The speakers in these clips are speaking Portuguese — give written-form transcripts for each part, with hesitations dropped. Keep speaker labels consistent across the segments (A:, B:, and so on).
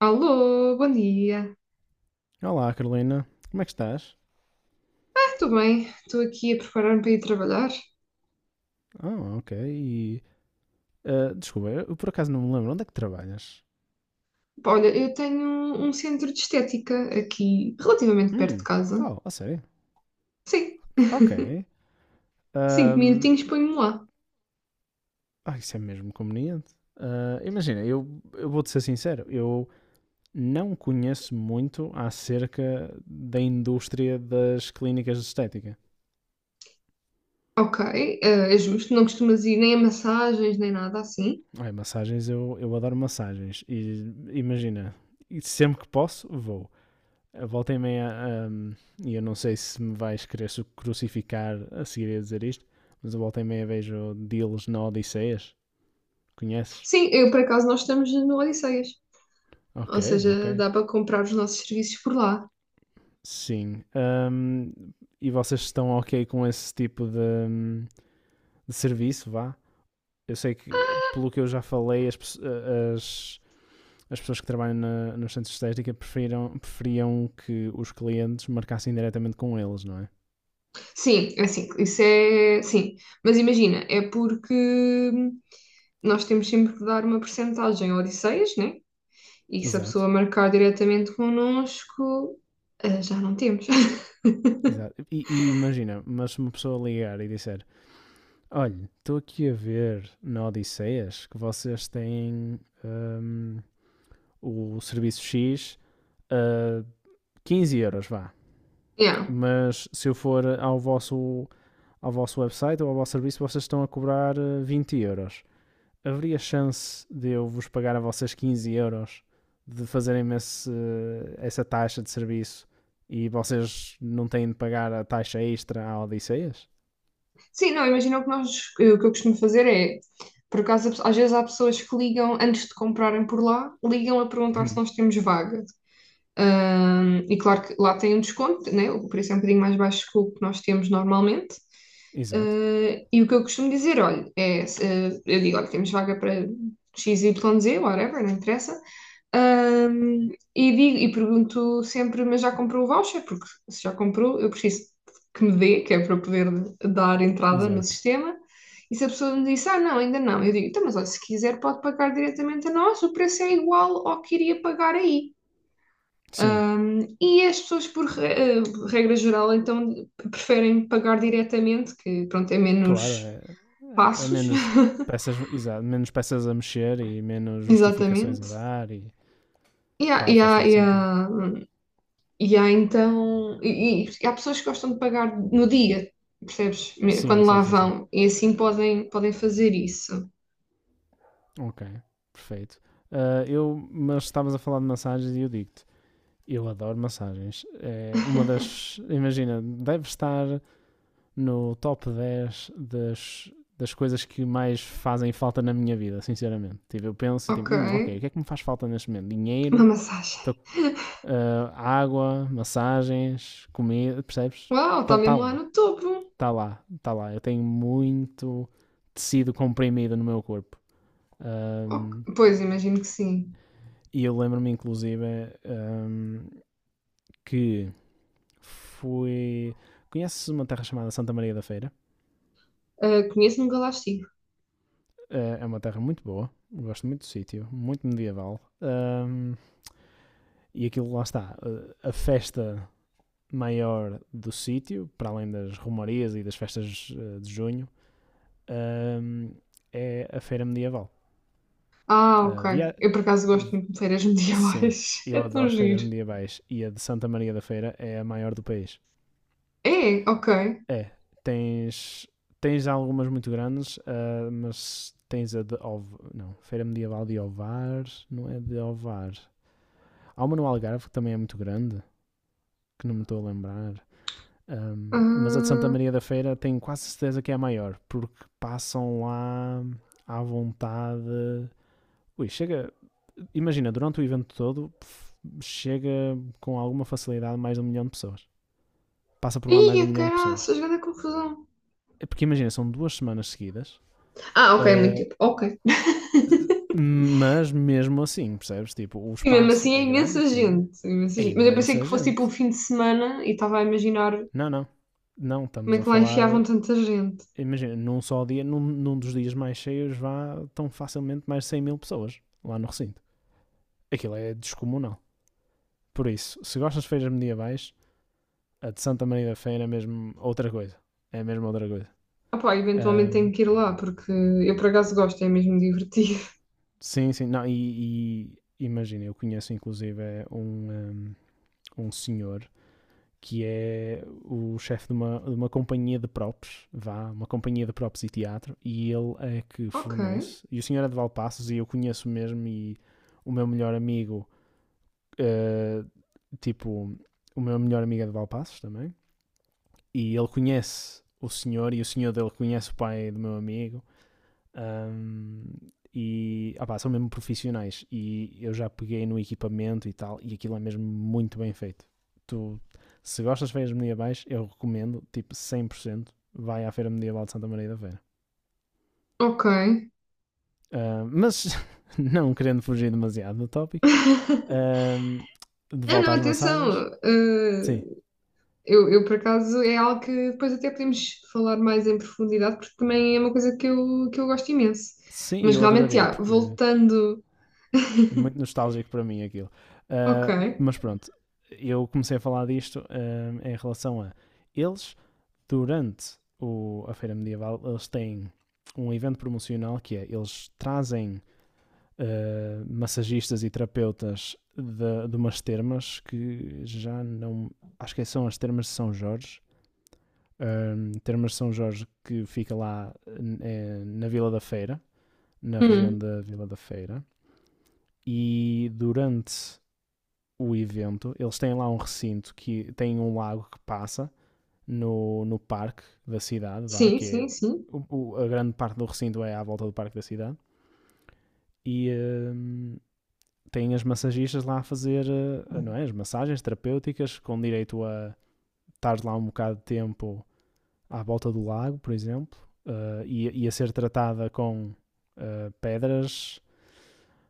A: Alô, bom dia.
B: Olá, Carolina. Como é que estás?
A: Ah, estou bem, estou aqui a preparar-me para ir trabalhar.
B: Ah, ok. E, desculpa, eu por acaso não me lembro. Onde é que trabalhas?
A: Pá, olha, eu tenho um centro de estética aqui, relativamente perto de
B: Hum.
A: casa.
B: Oh, a sério?
A: Sim,
B: Ok.
A: cinco
B: Ahm,
A: minutinhos ponho-me lá.
B: isso é mesmo conveniente. Ah, imagina, eu vou-te ser sincero. Eu não conheço muito acerca da indústria das clínicas de estética.
A: Ok, é justo, não costumas ir nem a massagens, nem nada assim.
B: Ai, massagens, eu adoro massagens. E imagina, e sempre que posso, vou. A volta e meia, e eu não sei se me vais querer crucificar a seguir a dizer isto, mas a volta e meia vejo deals na Odisseias. Conheces?
A: Sim, eu por acaso nós estamos no Odisseias,
B: Ok,
A: ou
B: ok.
A: seja, dá para comprar os nossos serviços por lá.
B: Sim. E vocês estão ok com esse tipo de serviço, vá? Eu sei que, pelo que eu já falei, as, as pessoas que trabalham nos centros de estética preferiam que os clientes marcassem diretamente com eles, não é?
A: Sim, é assim, isso é. Sim, mas imagina, é porque nós temos sempre que dar uma percentagem ao Odisseias, né? E se a pessoa
B: Exato.
A: marcar diretamente connosco, já não temos.
B: Exato. E imagina, mas se uma pessoa ligar e disser, olha, estou aqui a ver na Odisseias que vocês têm hum, o serviço X a 15 euros, vá.
A: Yeah.
B: Mas se eu for ao vosso website ou ao vosso serviço, vocês estão a cobrar 20 euros. Haveria chance de eu vos pagar a vocês 15 euros de essa taxa de serviço e vocês não têm de pagar a taxa extra à Odisseias?
A: Sim, não, imagina o que nós, o que eu costumo fazer é, por acaso, às vezes há pessoas que ligam antes de comprarem por lá, ligam a perguntar se
B: Hum,
A: nós temos vaga. E claro que lá tem um desconto, né? O preço é um bocadinho mais baixo que o que nós temos normalmente.
B: exato,
A: Ah, e o que eu costumo dizer, olha, é, eu digo, olha, temos vaga para X Y, XYZ, whatever, não interessa. Ahm, e digo, e pergunto sempre, mas já comprou o voucher? Porque se já comprou, eu preciso que me dê, que é para eu poder dar entrada no
B: exato.
A: sistema. E se a pessoa me disse, ah, não, ainda não, eu digo, então, mas olha, se quiser pode pagar diretamente a nós, o preço é igual ao que iria pagar aí.
B: Sim,
A: Um, e as pessoas, regra geral, então preferem pagar diretamente, que pronto, é
B: claro,
A: menos
B: é
A: passos,
B: menos peças, exato, menos peças a mexer e menos justificações a
A: exatamente.
B: dar e
A: E há, e
B: claro,
A: há,
B: faz todo
A: e há,
B: sentido.
A: e há então, e há pessoas que gostam de pagar no dia, percebes?
B: Sim,
A: Quando
B: sim,
A: lá
B: sim, sim.
A: vão, e assim podem, podem fazer isso.
B: Ok, perfeito. Ah, eu, mas estavas a falar de massagens e eu digo-te, eu adoro massagens. É uma das, imagina, deve estar no top 10 das, coisas que mais fazem falta na minha vida, sinceramente. Tipo, eu penso e
A: Ok,
B: tipo, ok, o que é que me faz falta neste momento?
A: uma
B: Dinheiro,
A: massagem.
B: estou água, massagens, comida, percebes?
A: Uau, está
B: Está
A: mesmo lá
B: ali,
A: no topo.
B: está lá, está lá. Eu tenho muito tecido comprimido no meu corpo.
A: Ok,
B: Ahm,
A: pois, imagino que sim.
B: e eu lembro-me, inclusive, ahm, que fui. Conheces uma terra chamada Santa Maria da Feira?
A: Ah, conheço-me um galástico.
B: É uma terra muito boa, gosto muito do sítio, muito medieval. E aquilo lá está, a festa maior do sítio, para além das romarias e das festas de junho, ahm, é a feira medieval.
A: Ah,
B: Ah,
A: ok.
B: via...
A: Eu por acaso gosto muito de feiras
B: Sim,
A: medievais.
B: eu
A: É tão
B: adoro feiras
A: giro.
B: medievais e a de Santa Maria da Feira é a maior do país.
A: É, ok.
B: É, tens, tens algumas muito grandes, ah, mas tens a de Ov... não, Feira Medieval de Ovar, não é de Ovar. Há uma no Algarve que também é muito grande, que não me estou a lembrar. Mas a de Santa
A: Ah,
B: Maria da Feira tenho quase certeza que é a maior, porque passam lá à vontade. Ui, imagina, durante o evento todo chega com alguma facilidade mais de um milhão de pessoas. Passa por lá mais de um
A: ia,
B: milhão de pessoas.
A: caraças, grande confusão.
B: É porque imagina, são 2 semanas seguidas,
A: Ah, ok, muito
B: ah,
A: tempo. Ok.
B: mas mesmo assim, percebes? Tipo, o
A: Sim, mesmo
B: espaço
A: assim é
B: é grande,
A: imensa
B: tudo bem?
A: gente. É imensa
B: É
A: gente. Mas eu pensei
B: imensa
A: que fosse tipo um
B: gente.
A: fim de semana e estava a imaginar
B: Não, não. Não,
A: como é
B: estamos a
A: que lá enfiavam
B: falar.
A: tanta gente.
B: Imagina, num só dia, num dos dias mais cheios, vá tão facilmente mais de 100 mil pessoas lá no recinto. Aquilo é descomunal. Por isso, se gostas de feiras medievais, a de Santa Maria da Feira é mesmo outra coisa. É mesmo outra coisa.
A: Ah, pá, eventualmente
B: Ahm,
A: tenho que ir lá porque eu por acaso gosto, é mesmo divertido.
B: sim, sim. Não, e imagina, eu conheço inclusive é um senhor que é o chefe de uma companhia de props, vá, uma companhia de props e teatro, e ele é que
A: Ok,
B: fornece. E o senhor é de Valpaços e eu conheço mesmo e o meu melhor amigo, eh, tipo, o meu melhor amigo é de Valpaços também, e ele conhece o senhor e o senhor dele conhece o pai do meu amigo. Ahm, e opá, são mesmo profissionais. E eu já peguei no equipamento e tal, e aquilo é mesmo muito bem feito. Tu, se gostas de feiras medievais, eu recomendo, tipo 100% vai à Feira Medieval de Santa Maria da Feira.
A: ok.
B: Ah, mas, não querendo fugir demasiado do tópico, ahm, de
A: Não, não,
B: volta às
A: atenção.
B: massagens,
A: Ah,
B: sim,
A: eu, por acaso, é algo que depois até podemos falar mais em profundidade, porque também é uma coisa que eu gosto imenso.
B: sim,
A: Mas
B: eu
A: realmente,
B: adoraria,
A: já,
B: porque é
A: voltando.
B: muito nostálgico para mim aquilo.
A: Ok.
B: Ah, mas pronto, eu comecei a falar disto em relação a eles durante a Feira Medieval, eles têm um evento promocional que é, eles trazem massagistas e terapeutas de umas termas que já não... Acho que são as termas de São Jorge. Termas de São Jorge que fica lá na Vila da Feira, na região
A: Hum.
B: da Vila da Feira. E durante o evento, eles têm lá um recinto que tem um lago que passa no parque da cidade, vá,
A: Sim,
B: que é
A: sim, sim.
B: a grande parte do recinto é à volta do parque da cidade e tem as massagistas lá a fazer não é, as massagens terapêuticas com direito a estar lá um bocado de tempo à volta do lago, por exemplo, e a ser tratada com pedras,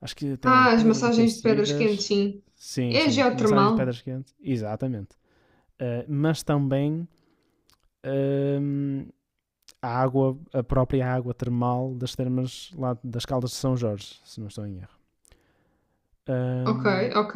B: acho que tem
A: Ah, as
B: pedras
A: massagens de pedras quentes,
B: aquecidas,
A: sim.
B: sim,
A: É
B: sim, massagens de
A: geotermal.
B: pedras quentes, exatamente. Mas também hum, a água, a própria água termal das termas lá das Caldas de São Jorge, se não estou em erro.
A: Ok,
B: Ahm,
A: ok.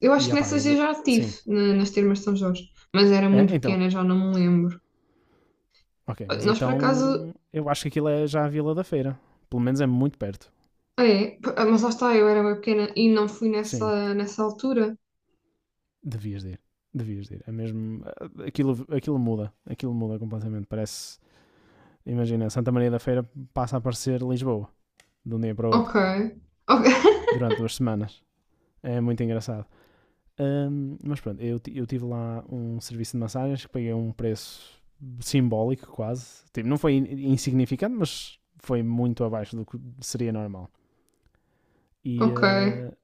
A: Eu acho
B: e
A: que
B: opá,
A: nessas eu
B: eu.
A: já tive,
B: Sim.
A: nas termas de São Jorge. Mas era
B: Ah,
A: muito
B: então,
A: pequena, já não me lembro.
B: ok, mas
A: Nós, por acaso.
B: então eu acho que aquilo é já a Vila da Feira. Pelo menos é muito perto.
A: Ah, é, mas lá está, eu era bem pequena e não fui
B: Sim,
A: nessa, nessa altura.
B: devias de ir. Devias de ir. É mesmo. Aquilo muda. Aquilo muda completamente. Parece. Imagina, Santa Maria da Feira passa a parecer Lisboa, de um dia para o
A: Ok.
B: outro,
A: Ok.
B: durante 2 semanas. É muito engraçado. Mas pronto, eu tive lá um serviço de massagens que paguei um preço simbólico quase. Tipo, não foi insignificante, mas foi muito abaixo do que seria normal. E,
A: Ok.
B: ah,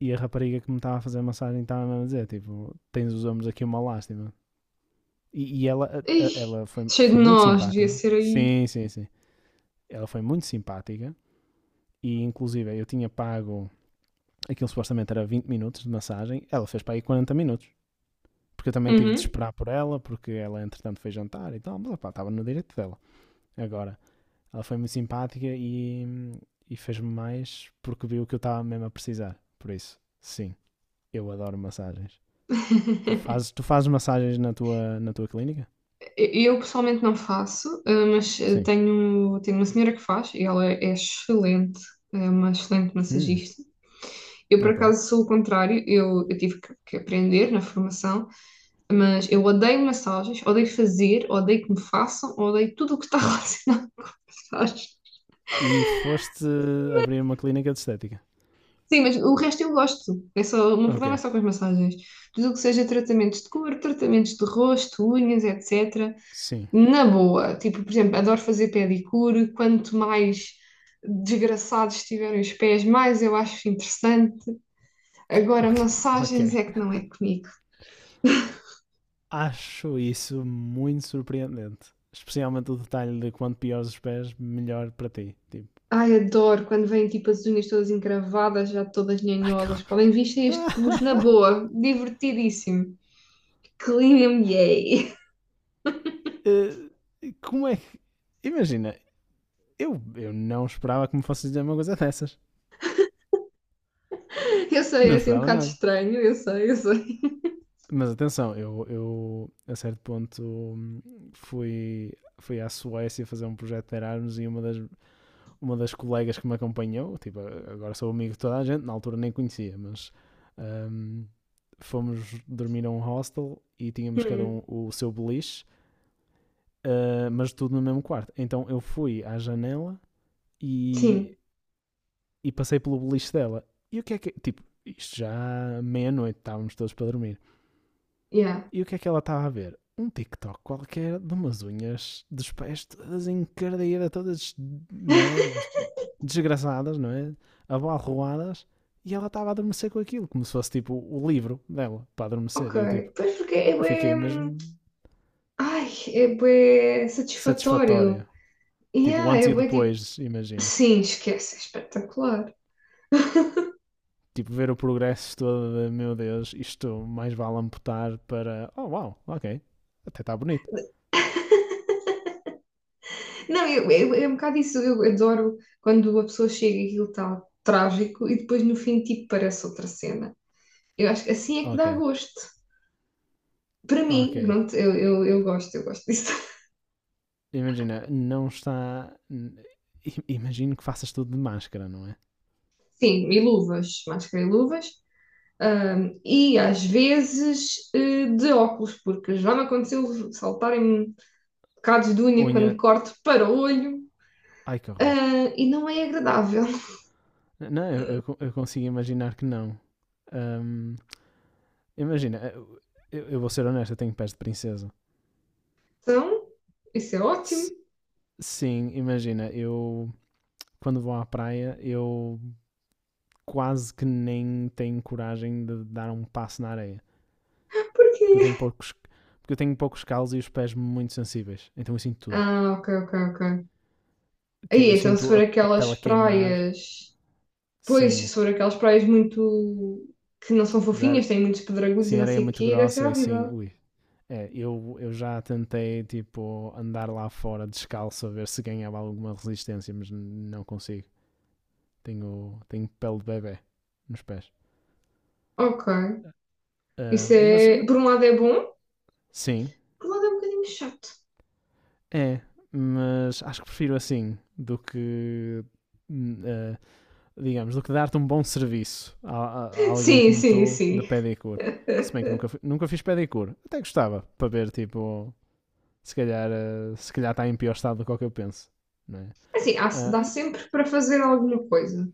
B: e a rapariga que me estava a fazer a massagem estava a dizer, tipo, tens os ombros aqui uma lástima. E ela,
A: Ih,
B: ela
A: cheio de
B: foi muito
A: nós, devia
B: simpática.
A: ser aí.
B: Sim, sim, sim. Ela foi muito simpática. E inclusive eu tinha pago, aquilo supostamente era 20 minutos de massagem, ela fez para aí 40 minutos. Porque eu também tive de
A: Uhum.
B: esperar por ela, porque ela entretanto foi jantar e tal, mas opá, estava no direito dela. Agora, ela foi muito simpática e fez-me mais porque viu que eu estava mesmo a precisar. Por isso, sim, eu adoro massagens. Tu fazes massagens na tua clínica?
A: Eu eu pessoalmente não faço, mas
B: Sim.
A: tenho uma senhora que faz e ela é excelente, é uma excelente
B: Hum,
A: massagista. Eu, por
B: ok.
A: acaso, sou o contrário, eu tive que aprender na formação, mas eu odeio massagens, odeio fazer, odeio que me façam, odeio tudo o que está relacionado com massagens.
B: E foste abrir uma clínica de estética?
A: Sim, mas o resto eu gosto, é só, o meu problema é
B: Ok.
A: só com as massagens. Tudo o que seja tratamentos de cor, tratamentos de rosto, unhas, etc.
B: Sim.
A: Na boa, tipo, por exemplo, adoro fazer pedicure. Quanto mais desgraçados estiverem os pés, mais eu acho interessante. Agora,
B: Ok. Ok.
A: massagens é que não é comigo.
B: Acho isso muito surpreendente. Especialmente o detalhe de quanto piores os pés, melhor para ti. Tipo,
A: Ai, adoro quando vêm tipo as unhas todas encravadas, já todas
B: ai,
A: nhanhosas. Podem vestir este pus na boa, divertidíssimo. Clean and yay.
B: como é que. Imagina, eu não esperava que me fosse dizer uma coisa dessas.
A: Eu sei,
B: Não
A: é assim um
B: esperava
A: bocado
B: nada.
A: estranho, eu sei, eu sei.
B: Mas atenção, eu a certo ponto fui, fui à Suécia fazer um projeto de Erasmus e uma das colegas que me acompanhou, tipo, agora sou amigo de toda a gente, na altura nem conhecia, mas hum, fomos dormir a um hostel e tínhamos cada
A: Hum,
B: um o seu beliche, mas tudo no mesmo quarto. Então eu fui à janela e
A: sim,
B: passei pelo beliche dela. E o que é que. Tipo, isto já meia-noite, estávamos todos para dormir.
A: yeah.
B: E o que é que ela estava a ver? Um TikTok qualquer de umas unhas dos pés todas encardeadas, todas, não é? Desgraçadas, não é? Abalroadas. E ela estava a adormecer com aquilo, como se fosse tipo o livro dela para
A: Ok,
B: adormecer. E eu tipo,
A: pois porque é
B: eu
A: bué,
B: fiquei mesmo
A: ai, é bué satisfatório.
B: satisfatória. Tipo,
A: Yeah,
B: antes
A: é
B: e
A: bué tipo,
B: depois, imagino.
A: sim, esquece, é espetacular.
B: Tipo, ver o progresso todo de, meu Deus, isto mais vale amputar para, oh uau, ok, até está bonito.
A: Não, eu, é um bocado isso, eu adoro quando a pessoa chega e aquilo está trágico e depois no fim tipo parece outra cena. Eu acho que assim é que
B: Ok,
A: dá gosto. Para
B: ok.
A: mim, pronto, eu gosto, eu gosto disso.
B: Imagina, não está. Imagino que faças tudo de máscara, não é?
A: Sim, e luvas, máscara e luvas. E às vezes de óculos, porque já me aconteceu saltarem bocados de unha
B: Unha.
A: quando corto para o olho,
B: Ai que horror.
A: ah, e não é agradável.
B: Não, eu consigo imaginar que não. Ahm, imagina, eu vou ser honesto, eu tenho pés de princesa.
A: Então, isso é ótimo.
B: S- sim, imagina, eu. Quando vou à praia, eu quase que nem tenho coragem de dar um passo na areia. Porque eu tenho
A: Porquê?
B: poucos. Porque eu tenho poucos calos e os pés muito sensíveis. Então eu sinto tudo.
A: Ah, ok, ok, ok.
B: Tipo,
A: Aí,
B: eu
A: então se
B: sinto
A: for
B: a
A: aquelas
B: pele a queimar,
A: praias. Pois, se
B: sim.
A: for aquelas praias muito. Que não são
B: Dar,
A: fofinhas, têm muitos pedregulhos e
B: sim,
A: não
B: areia é
A: sei o
B: muito
A: quê, deve ser
B: grossa e sim.
A: horrível.
B: Ui. É, eu já tentei, tipo, andar lá fora descalço a ver se ganhava alguma resistência, mas não consigo. Tenho pele de bebê nos pés.
A: Ok. Isso
B: Mas,
A: é. Por um lado é bom,
B: sim,
A: por um lado é um bocadinho chato.
B: é. Mas acho que prefiro assim do que. Uh, digamos, do que dar-te um bom serviço a, a alguém
A: Sim,
B: como
A: sim,
B: tu da
A: sim.
B: pedicure. Se bem que nunca fiz pedicure. Até gostava, para ver, tipo, se calhar se calhar está em pior estado do que eu penso. Não é?
A: Assim,
B: Ah,
A: dá sempre para fazer alguma coisa.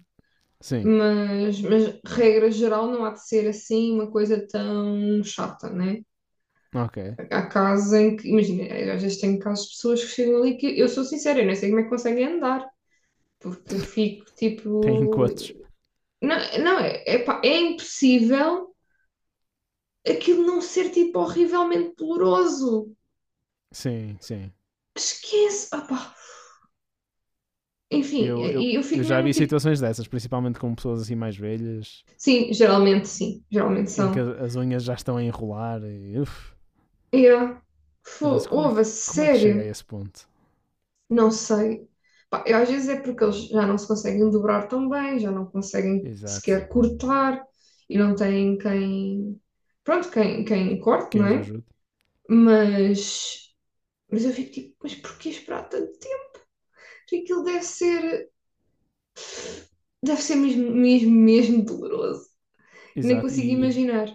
B: sim,
A: Mas, regra geral, não há de ser assim uma coisa tão chata, né?
B: ok.
A: Há casos em que, imagina, às vezes tenho casos de pessoas que chegam ali que eu sou sincera, eu não sei como é que conseguem andar. Porque eu fico
B: Tem
A: tipo.
B: encontros.
A: Não, não é, é, é impossível aquilo não ser tipo horrivelmente doloroso.
B: Sim, sim.
A: Esquece! Ah, enfim, e eu
B: Eu
A: fico
B: já
A: mesmo
B: vi
A: tipo.
B: situações dessas, principalmente com pessoas assim mais velhas,
A: Sim, geralmente
B: em que
A: são.
B: as unhas já estão a enrolar e, uf,
A: Yeah.
B: eu penso,
A: Houve,
B: como é que chega a
A: sério?
B: esse ponto?
A: Não sei. Pá, eu, às vezes é porque eles já não se conseguem dobrar tão bem, já não conseguem
B: Exato.
A: sequer cortar e não têm quem. Pronto, quem, quem corte, não
B: Quem os
A: é?
B: ajude?
A: Mas Mas eu fico tipo, mas porquê esperar tanto tempo? Aquilo deve ser mesmo, mesmo, mesmo doloroso. Nem
B: Exato,
A: consigo
B: e,
A: imaginar.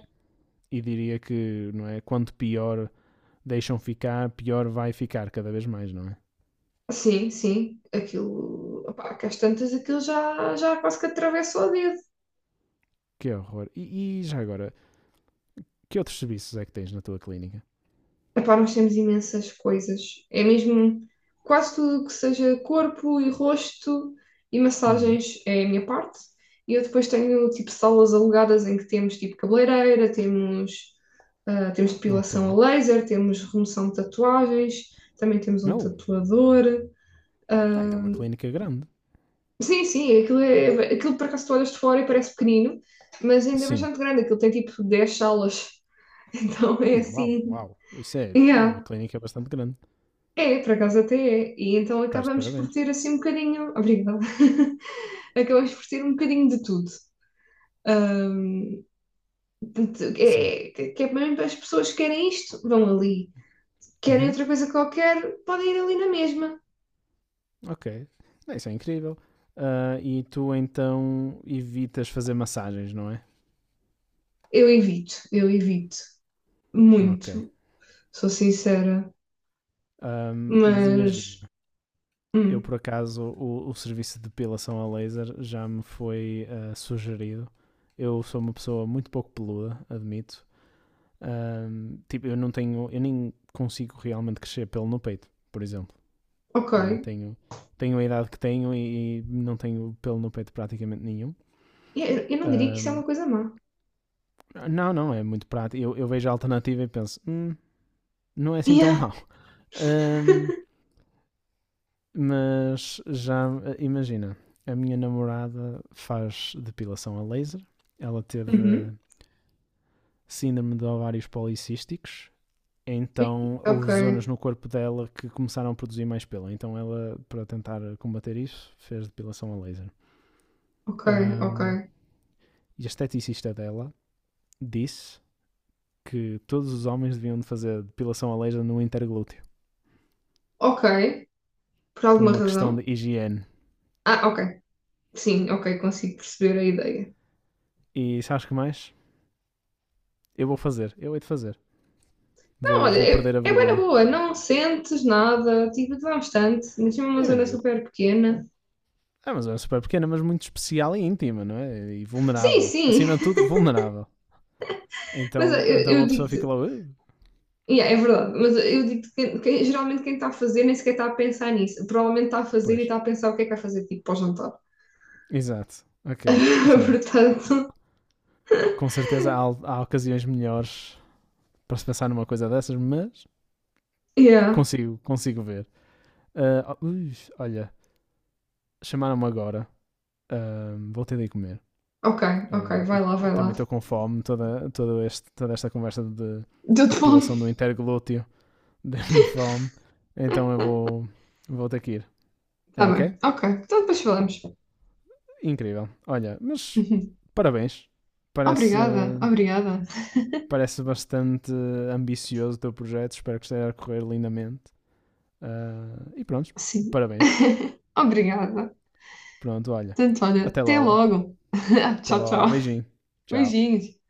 B: e diria que, não é? Quanto pior deixam ficar, pior vai ficar cada vez mais, não é?
A: Sim, sim, aquilo, opá, que às tantas aquilo já, já quase que atravessa o dedo.
B: Que horror. E já agora, que outros serviços é que tens na tua clínica?
A: Epá, nós temos imensas coisas. É mesmo quase tudo que seja corpo e rosto e
B: Hum,
A: massagens é a minha parte. E eu depois tenho tipo salas alugadas em que temos tipo cabeleireira, temos, ah, temos
B: ok.
A: depilação a laser, temos remoção de tatuagens, também temos um
B: Não,
A: tatuador.
B: ah, então
A: Ah,
B: é uma clínica grande.
A: sim, sim, aquilo, é, aquilo por acaso tu olhas de fora e parece pequenino, mas ainda é
B: Sim.
A: bastante grande, aquilo tem tipo 10 salas. Então é
B: Uau,
A: assim.
B: uau. Isso é uma
A: Yeah.
B: clínica bastante grande.
A: É, por acaso até é. E então
B: Estás de
A: acabamos por
B: parabéns.
A: ter assim um bocadinho. Obrigada. Acabamos por ter um bocadinho de tudo. Ahm, Portanto, é,
B: Sim.
A: que é mesmo as pessoas que querem isto, vão ali. Querem
B: Uhum,
A: outra coisa qualquer, podem ir ali na mesma.
B: ok. Ah, isso é incrível. Ah, e tu então evitas fazer massagens, não é?
A: Eu evito, eu evito.
B: Ok.
A: Muito, sou sincera.
B: Mas
A: Mas,
B: imagina. Eu
A: hum,
B: por acaso o serviço de depilação a laser já me foi sugerido. Eu sou uma pessoa muito pouco peluda, admito. Tipo, eu não tenho, eu nem consigo realmente crescer pelo no peito, por exemplo,
A: ok.
B: não é? Tenho a idade que tenho e não tenho pelo no peito praticamente nenhum.
A: Eu não diria que isso é uma
B: Ahm,
A: coisa má.
B: não, não, é muito prático. Eu vejo a alternativa e penso, não é assim tão
A: Yeah.
B: mau." Ahm, mas já imagina, a minha namorada faz depilação a laser, ela teve
A: Uhum.
B: síndrome de ovários policísticos, então
A: Ok,
B: houve zonas no corpo dela que começaram a produzir mais pelo. Então ela, para tentar combater isso, fez depilação a laser.
A: ok, ok.
B: Ahm, e a esteticista dela disse que todos os homens deviam fazer depilação a laser no interglúteo,
A: Ok. Por
B: por
A: alguma
B: uma questão de
A: razão.
B: higiene.
A: Ah, ok. Sim, ok, consigo perceber a ideia.
B: E sabes que mais? Eu vou fazer, eu hei de fazer.
A: Não, olha,
B: Vou
A: é,
B: perder a
A: é bué na
B: vergonha.
A: boa, não sentes nada, tipo, dá bastante, mas é uma zona
B: Eu
A: super pequena.
B: Ah, mas é super pequena, mas muito especial e íntima, não é? E
A: Sim,
B: vulnerável.
A: sim,
B: Acima de tudo, vulnerável.
A: mas
B: Então
A: eu
B: uma pessoa fica lá,
A: digo-te,
B: "Ah."
A: yeah, é verdade, mas eu digo-te que geralmente quem está a fazer nem sequer está a pensar nisso, provavelmente está a fazer e
B: Pois.
A: está a pensar o que é que vai fazer, tipo, para o jantar.
B: Exato. Ok. Assim,
A: Portanto,
B: com certeza há ocasiões melhores para se pensar numa coisa dessas, mas
A: yeah,
B: consigo ver. Ah, oh, ui, olha, chamaram-me agora. Ah, vou ter de ir comer.
A: ok, ok,
B: Ah, e
A: vai lá, vai
B: também
A: lá.
B: estou com fome. Toda esta conversa de
A: Deu-te fome?
B: depilação do interglúteo deu-me fome. Então eu vou ter que ir.
A: Tá
B: É ok?
A: bem, ok, então depois falamos.
B: Incrível. Olha, mas parabéns. Parece,
A: Obrigada, obrigada.
B: parece bastante ambicioso o teu projeto. Espero que esteja a correr lindamente. Ah, e pronto,
A: Sim,
B: parabéns.
A: obrigada.
B: Pronto, olha.
A: Tanto, olha,
B: Até
A: até
B: logo.
A: logo.
B: Até
A: Tchau, tchau.
B: logo. Beijinho. Tchau.
A: Beijinhos.